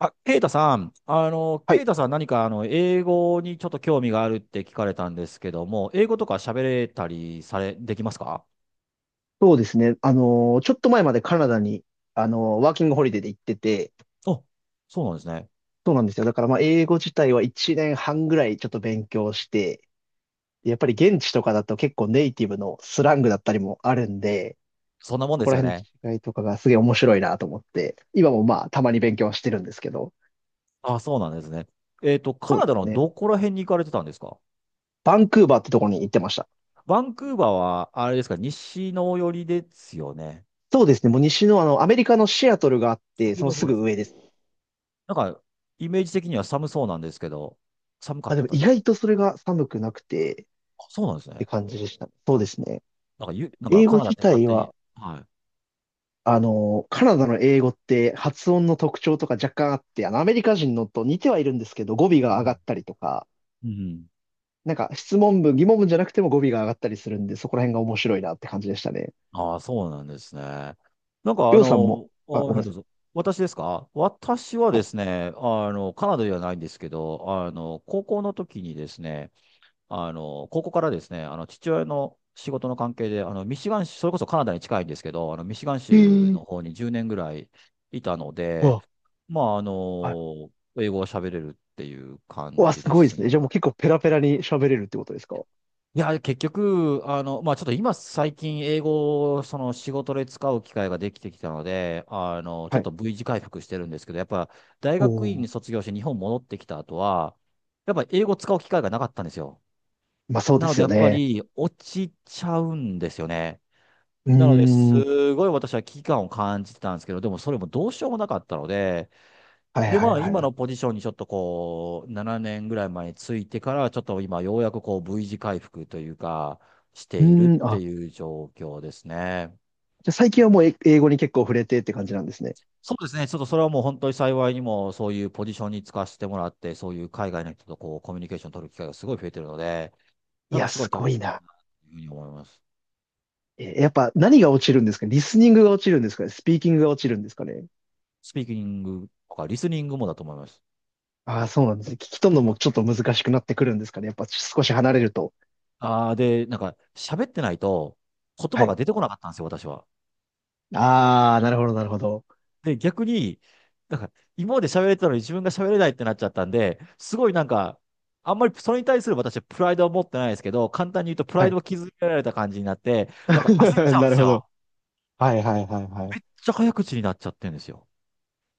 あ、ケイタさん、はケい、イタさん何か英語にちょっと興味があるって聞かれたんですけども、英語とか喋れたりされ、できますか？そうですね。ちょっと前までカナダに、ワーキングホリデーで行ってて、あ、そうなんですね。そうなんですよ。だからまあ、英語自体は1年半ぐらいちょっと勉強して、やっぱり現地とかだと結構ネイティブのスラングだったりもあるんで、そんなもんそでこすらよ辺ね。の違いとかがすげえ面白いなと思って、今もまあ、たまに勉強はしてるんですけど、あ、そうなんですね。カそうナですダのね。どこら辺に行かれてたんですか？バンクーバーってところに行ってました。バンクーバーは、あれですか、西の寄りですよね。そうですね。もう西のあの、アメリカのシアトルがあって、上そののす方でぐすよ上でね。す。なんか、イメージ的には寒そうなんですけど、寒かあ、っでもた意です。外とそれが寒くなくてっあ、そうなんですてね。感じでした。そうですね。なんか、なんか英カ語ナダ自って勝体手に。は、はい。あの、カナダの英語って発音の特徴とか若干あって、あの、アメリカ人のと似てはいるんですけど、語尾がう上がん。ったりとか、うん。なんか質問文、疑問文じゃなくても語尾が上がったりするんで、そこら辺が面白いなって感じでしたね。ああ、そうなんですね。なんかりょうさんも、あ、あ、ごめはんいなどさうぞ。い。私ですか？私はですはね、カナダではないんですけど、高校の時にですね、高校からですね、父親の仕事の関係で、ミシガン州、それこそカナダに近いんですけど、ミシガンい。え州ー、の方に10年ぐらいいたのうで、わ、まあ、はい。英語を喋れるっていうう感わ、じすでごいですすね。ね。じゃあもう結構ペラペラに喋れるってことですか？いや、結局、まあ、ちょっと今最近英語をその仕事で使う機会ができてきたので、ちょはっい。と V 字回復してるんですけど、やっぱ大学院おー、に卒業して日本戻ってきた後は、やっぱ英語使う機会がなかったんですよ。まあそうでなのすでよやっぱね。り落ちちゃうんですよね。うーなので、ん、はすごい私は危機感を感じてたんですけど、でもそれもどうしようもなかったので、いはいで、まあ、はい今はい。のポジションにちょっとこう、7年ぐらい前についてから、ちょっと今、ようやくこう、V 字回復というか、しうているっーん、てあ、いう状況ですね。じゃあ最近はもうえ英語に結構触れてって感じなんですね。そうですね。ちょっとそれはもう本当に幸いにも、そういうポジションに就かせてもらって、そういう海外の人とこう、コミュニケーション取る機会がすごい増えてるので、いなんや、かすごすい楽ごいしな。いなというふうに思います。え、やっぱ何が落ちるんですか？リスニングが落ちるんですかね？スピーキングが落ちるんですかね？スピーキングとか、リスニングもだと思います。ああ、そうなんですね。聞き取るのもちょっと難しくなってくるんですかね、やっぱ少し離れると。ああ、で、なんか、喋ってないと、言は葉い。が出てこなかったんですよ、私は。ああ、なるほど、なるほど。で、逆に、なんか、今まで喋れてたのに自分が喋れないってなっちゃったんで、すごいなんか、あんまりそれに対する私はプライドは持ってないですけど、簡単に言うとプラはイドい。を築けられた感じになって、なんか焦っち ゃうんなでるすほど。よ。はいはいはいはい。めっちゃ早口になっちゃってるんですよ。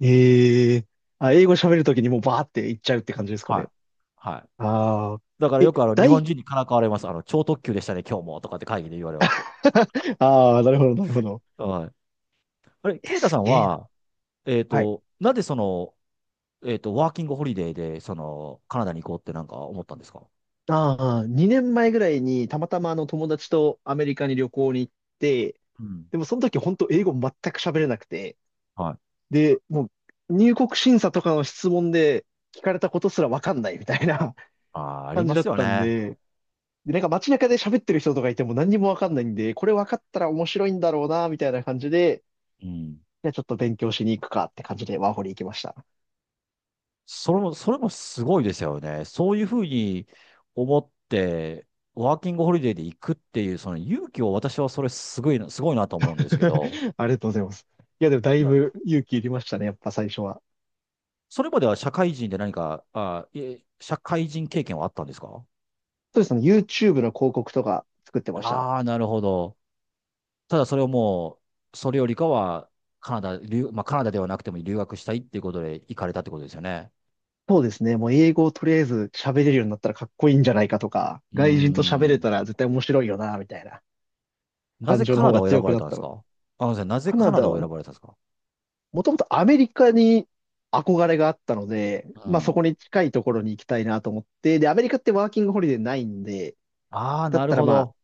ええ、あ、英語喋るときにもうバーっていっちゃうって感じですかはい。ね。はい。ああ。だからえ、よく日本大、人にからかわれます。超特急でしたね、今日も、とかって会議で言われます。ああ、なるほど、なるほど。はい。あれ、え、ケイタさすんげえな。は、はい。なぜその、ワーキングホリデーで、その、カナダに行こうってなんか思ったんですか？ああ、2年前ぐらいにたまたまあの友達とアメリカに旅行に行って、うん。でもその時本当英語全く喋れなくて、はい。で、もう入国審査とかの質問で聞かれたことすらわかんないみたいな あー、あり感じまだすっよたんね。で、で、街中で喋ってる人とかいても何にもわかんないんで、これわかったら面白いんだろうな、みたいな感じで、うん。じゃあちょっと勉強しに行くかって感じでワーホリ行きました。それも、それもすごいですよね。そういうふうに思って、ワーキングホリデーで行くっていう、その勇気を私はそれすごいな、すごいなと思うんですけど、ありがとうございます。いや、でもだいなぶ勇気いりましたね、やっぱ最初は。それまでは社会人で何か、あ、いえ社会人経験はあったんですか？そうですね、YouTube の広告とか作ってました。ああー、なるほど。ただそれをもう、それよりかは、カナダ、留、まあ、カナダではなくても留学したいっていうことで行かれたってことですよね。そうですね。もう英語をとりあえず喋れるようになったらかっこいいんじゃないかとか、うー外人と喋れん。たら絶対面白いよな、みたいなな感ぜ情のカ方ナダがを選強ばくれなたっんでたすので。か？あのですねなぜカカナナダダをは選も、ばれたんですか？もともとアメリカに憧れがあったので、うまあそん。こに近いところに行きたいなと思って、で、アメリカってワーキングホリデーないんで、ああ、だっなるたらほまあど。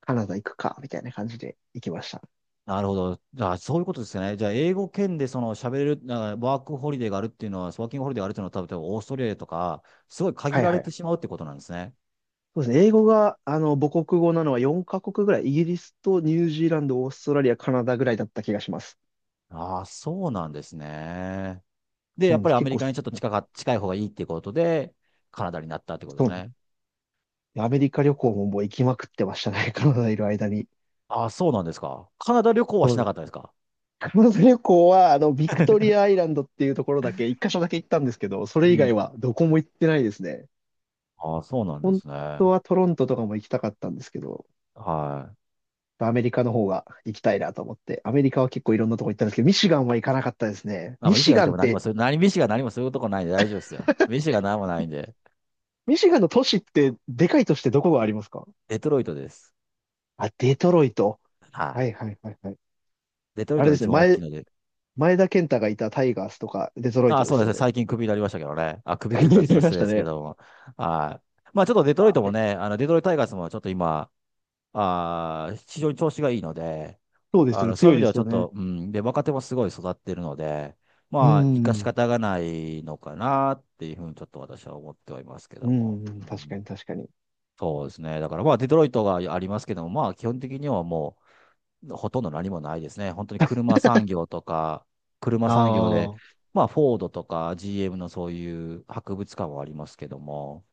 カナダ行くか、みたいな感じで行きました。なるほど。じゃあ、そういうことですよね。じゃあ、英語圏でその喋れる、なんかワークホリデーがあるっていうのは、ワーキングホリデーがあるっていうのは、多分オーストリアとか、すごい限はいらはれい。てしまうってことなんですね。そうですね。英語が、あの、母国語なのは4カ国ぐらい、イギリスとニュージーランド、オーストラリア、カナダぐらいだった気がします。ああ、そうなんですね。で、そやうっなんぱでりす。アメ結リ構、カそにちょっとうなんで近い方がいいっていうことで、カナダになったってことですす。ね。アメリカ旅行ももう行きまくってましたね、カナダいる間に。ああ、そうなんですか？カナダ旅行はそしうでなす。かったですか？カナダ旅行は、あの、ビクトリアアイランドっていうところだけ、一箇所だけ行ったんですけど、そうれ以ん。外はどこも行ってないですね。ああ、そうなんで本すね。当はトロントとかも行きたかったんですけど、はい。アメリカの方が行きたいなと思って、アメリカは結構いろんなとこ行ったんですけど、ミシガンは行かなかったですね。あ、ミもう医師シがいガてンっも何もて、する、何、医師が何もするとこないんで大丈夫ですよ。医師が何もないんで、ミシガンの都市って、でかい都市ってどこがありますか？デトロイトです。あ、デトロイト。ははい。いはいはいはい。デトロイあトれがです一ね、番大き前、いので。前田健太がいたタイガースとか、デトロイトあ、でそうですすよね。ね。最近クビになりましたけどね。あ、ク ビって言ったらちょっ出といま失し礼たですけね。ども。はい。まあちょっとデトロイあ、トもえ、ね、デトロイトタイガースもちょっと今、非常に調子がいいので、そうですよね。そうい強う意い味でではすちょよっね。と、うん、で、若手もすごい育ってるので、うまあ、生かしん。方がないのかなっていうふうにちょっと私は思ってはいますけうども。ん、う確かにん、確かに。そうですね。だからまあ、デトロイトがありますけども、まあ、基本的にはもう、ほとんど何もないですね。本当に車産業とか、車あ産業で、あ。はまあ、フォードとか GM のそういう博物館はありますけども、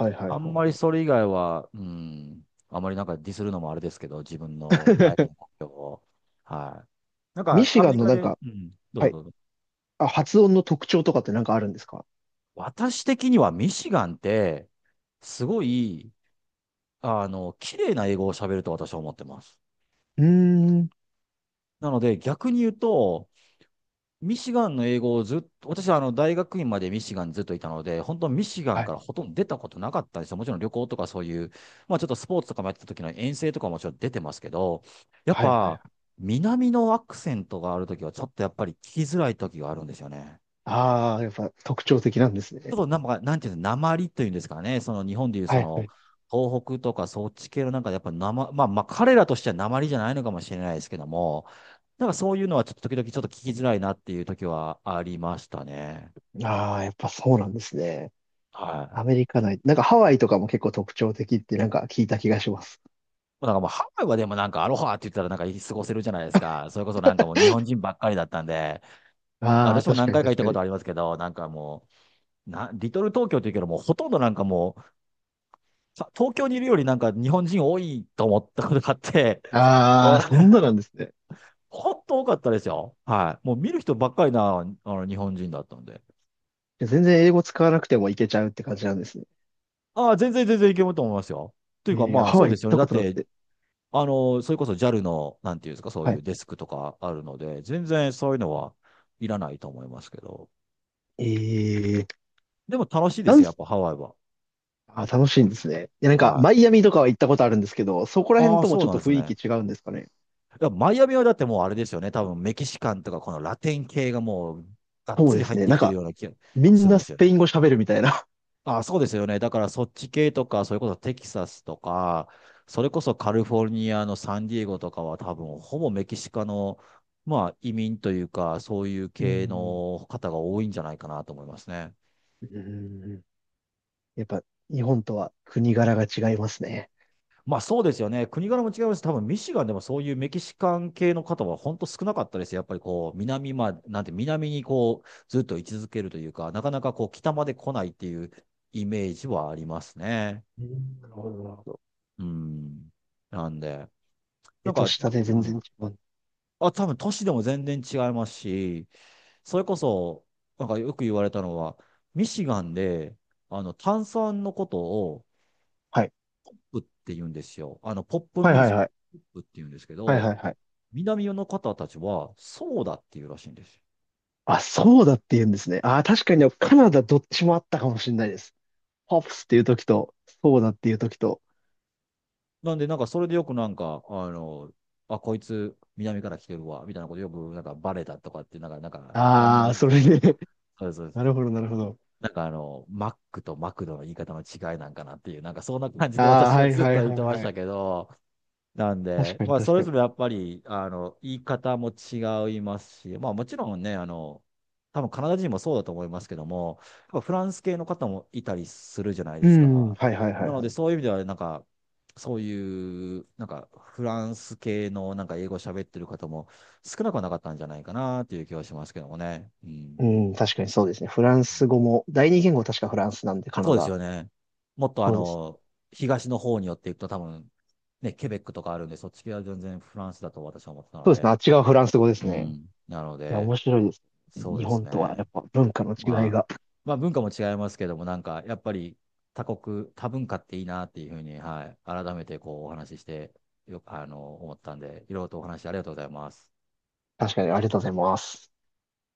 いはいはいあんまりはそれ以外は、うん、あんまりなんかディスるのもあれですけど、自分い。の第二 の目標を。はい。なんミか、シアメガンリのカなんで、か、うん、どうはぞい。どうぞ。あ、発音の特徴とかってなんかあるんですか？私的にはミシガンって、すごい、綺麗な英語を喋ると私は思ってます。うーん。なので、逆に言うと、ミシガンの英語をずっと、私はあの大学院までミシガンにずっといたので、本当ミシガンはかい。らほとんど出たことなかったんですよ。もちろん旅行とかそういう、まあちょっとスポーツとかもやってた時の遠征とかももちろん出てますけど、やっはいはいはぱい。南のアクセントがある時はちょっとやっぱり聞きづらい時があるんですよね。ああ、やっぱ特徴的なんですちょね。っとなんか、なんていうの、鉛というんですかね、その日本でいうはそいはのい。東北とかそっち系のなんかやっぱなままあまあ彼らとしては鉛じゃないのかもしれないですけども、なんかそういうのはちょっと時々ちょっと聞きづらいなっていう時はありましたね。ああ、やっぱそうなんですね。はい。アメリカ内。なんかハワイとかも結構特徴的ってなんか聞いた気がします。もうなんかもうハワイはでもなんかアロハって言ったらなんか過ごせるじゃないですか。それこそなんかもう日本人ばっかりだったんで、ああ、私も確何かに回か行っ確たかこに。とありますけど、なんかもう、リトル東京って言うけどもうほとんどなんかもう、東京にいるよりなんか日本人多いと思ったことがあって、あお あ、そ んななんですね。ほんと多かったですよ。はい。もう見る人ばっかりな、あの日本人だったんで。いや全然英語使わなくてもいけちゃうって感じなんですね。ああ、全然全然いけると思いますよ。といえうかー、まあハそワうイで行っすよね。ただこっとなくてて。それこそ JAL の、なんていうんですか、そうはいい。うデスクとかあるので、全然そういうのはいらないと思いますけど。えー、でも楽しいでなすんよ、やっす、ぱハワイは。あ、楽しいんですね。いや、なんか、はマい。イアミとかは行ったことあるんですけど、そこら辺ああ、ともそちうょっなんとです雰囲気ね。違うんですかね。いや、マイアミはだってもうあれですよね。多分メキシカンとかこのラテン系がもうがっそつうりです入っね。てなんきてるか、ような気がみすんるんなですスよ。ペイン語喋るみたいな。あ、そうですよね。だからそっち系とか、それこそテキサスとか、それこそカリフォルニアのサンディエゴとかは多分ほぼメキシカの、まあ移民というか、そういうう系ん。の方が多いんじゃないかなと思いますね。うん、やっぱ、日本とは国柄が違いますね。まあそうですよね。国柄も違います。多分ミシガンでもそういうメキシカン系の方は本当少なかったです。やっぱりこう、南まで、なんて南にこう、ずっと居続けるというか、なかなかこう、北まで来ないっていうイメージはありますね。うん、なるほど、なるほど。うん。なんで、な上んとか、下でう全ん然違う。多分都市でも全然違いますし、それこそ、なんかよく言われたのは、ミシガンで、炭酸のことを、はい。ポップって言うんですよ。ポップはいミューはいジック、はい。ポップって言うんですけはいはど、いはい。南の方たちは、ソーダっていうらしいんですよ。あ、そうだって言うんですね。あー、確かにカナダどっちもあったかもしれないです。ポップスっていう時と、そうだっていう時と。なんで、なんかそれでよくなんか、あ、こいつ、南から来てるわ、みたいなことよく、なんかバレたとかって、なんか、あんまああ、り、それそで、う、そうそうなるほど、なるほど。なんかマックとマクドの言い方の違いなんかなっていう、なんかそんな感じでああ、私ははいずっはとい言はっいてましはたい。けど、なん確で、かにまあそ確かれに。ぞれやっぱり、言い方も違いますし、まあもちろんね、多分カナダ人もそうだと思いますけども、やっぱフランス系の方もいたりするじゃないうですん、か。はいはいはないはのでい。そういう意味では、なんか、そういう、なんかフランス系のなんか英語喋ってる方も少なくはなかったんじゃないかなっていう気はしますけどもね。ううん。ん、確かにそうですね。フランス語も、第二言語確かフランスなんで、カナそうですダ。よね。もっとそうですね。東の方に寄っていくと多分、ね、ケベックとかあるんで、そっち系は全然フランスだと私は思ってたのそうですね。で。あっちがフランス語でうすね。ん。なのいや、で、面白いですね。そう日です本とはやね。っぱ文化の違いまあ、が。まあ文化も違いますけども、なんかやっぱり他国、多文化っていいなっていうふうに、はい、改めてこうお話しして、よく、思ったんで、いろいろとお話ありがとうございます。確かにありがとうございます。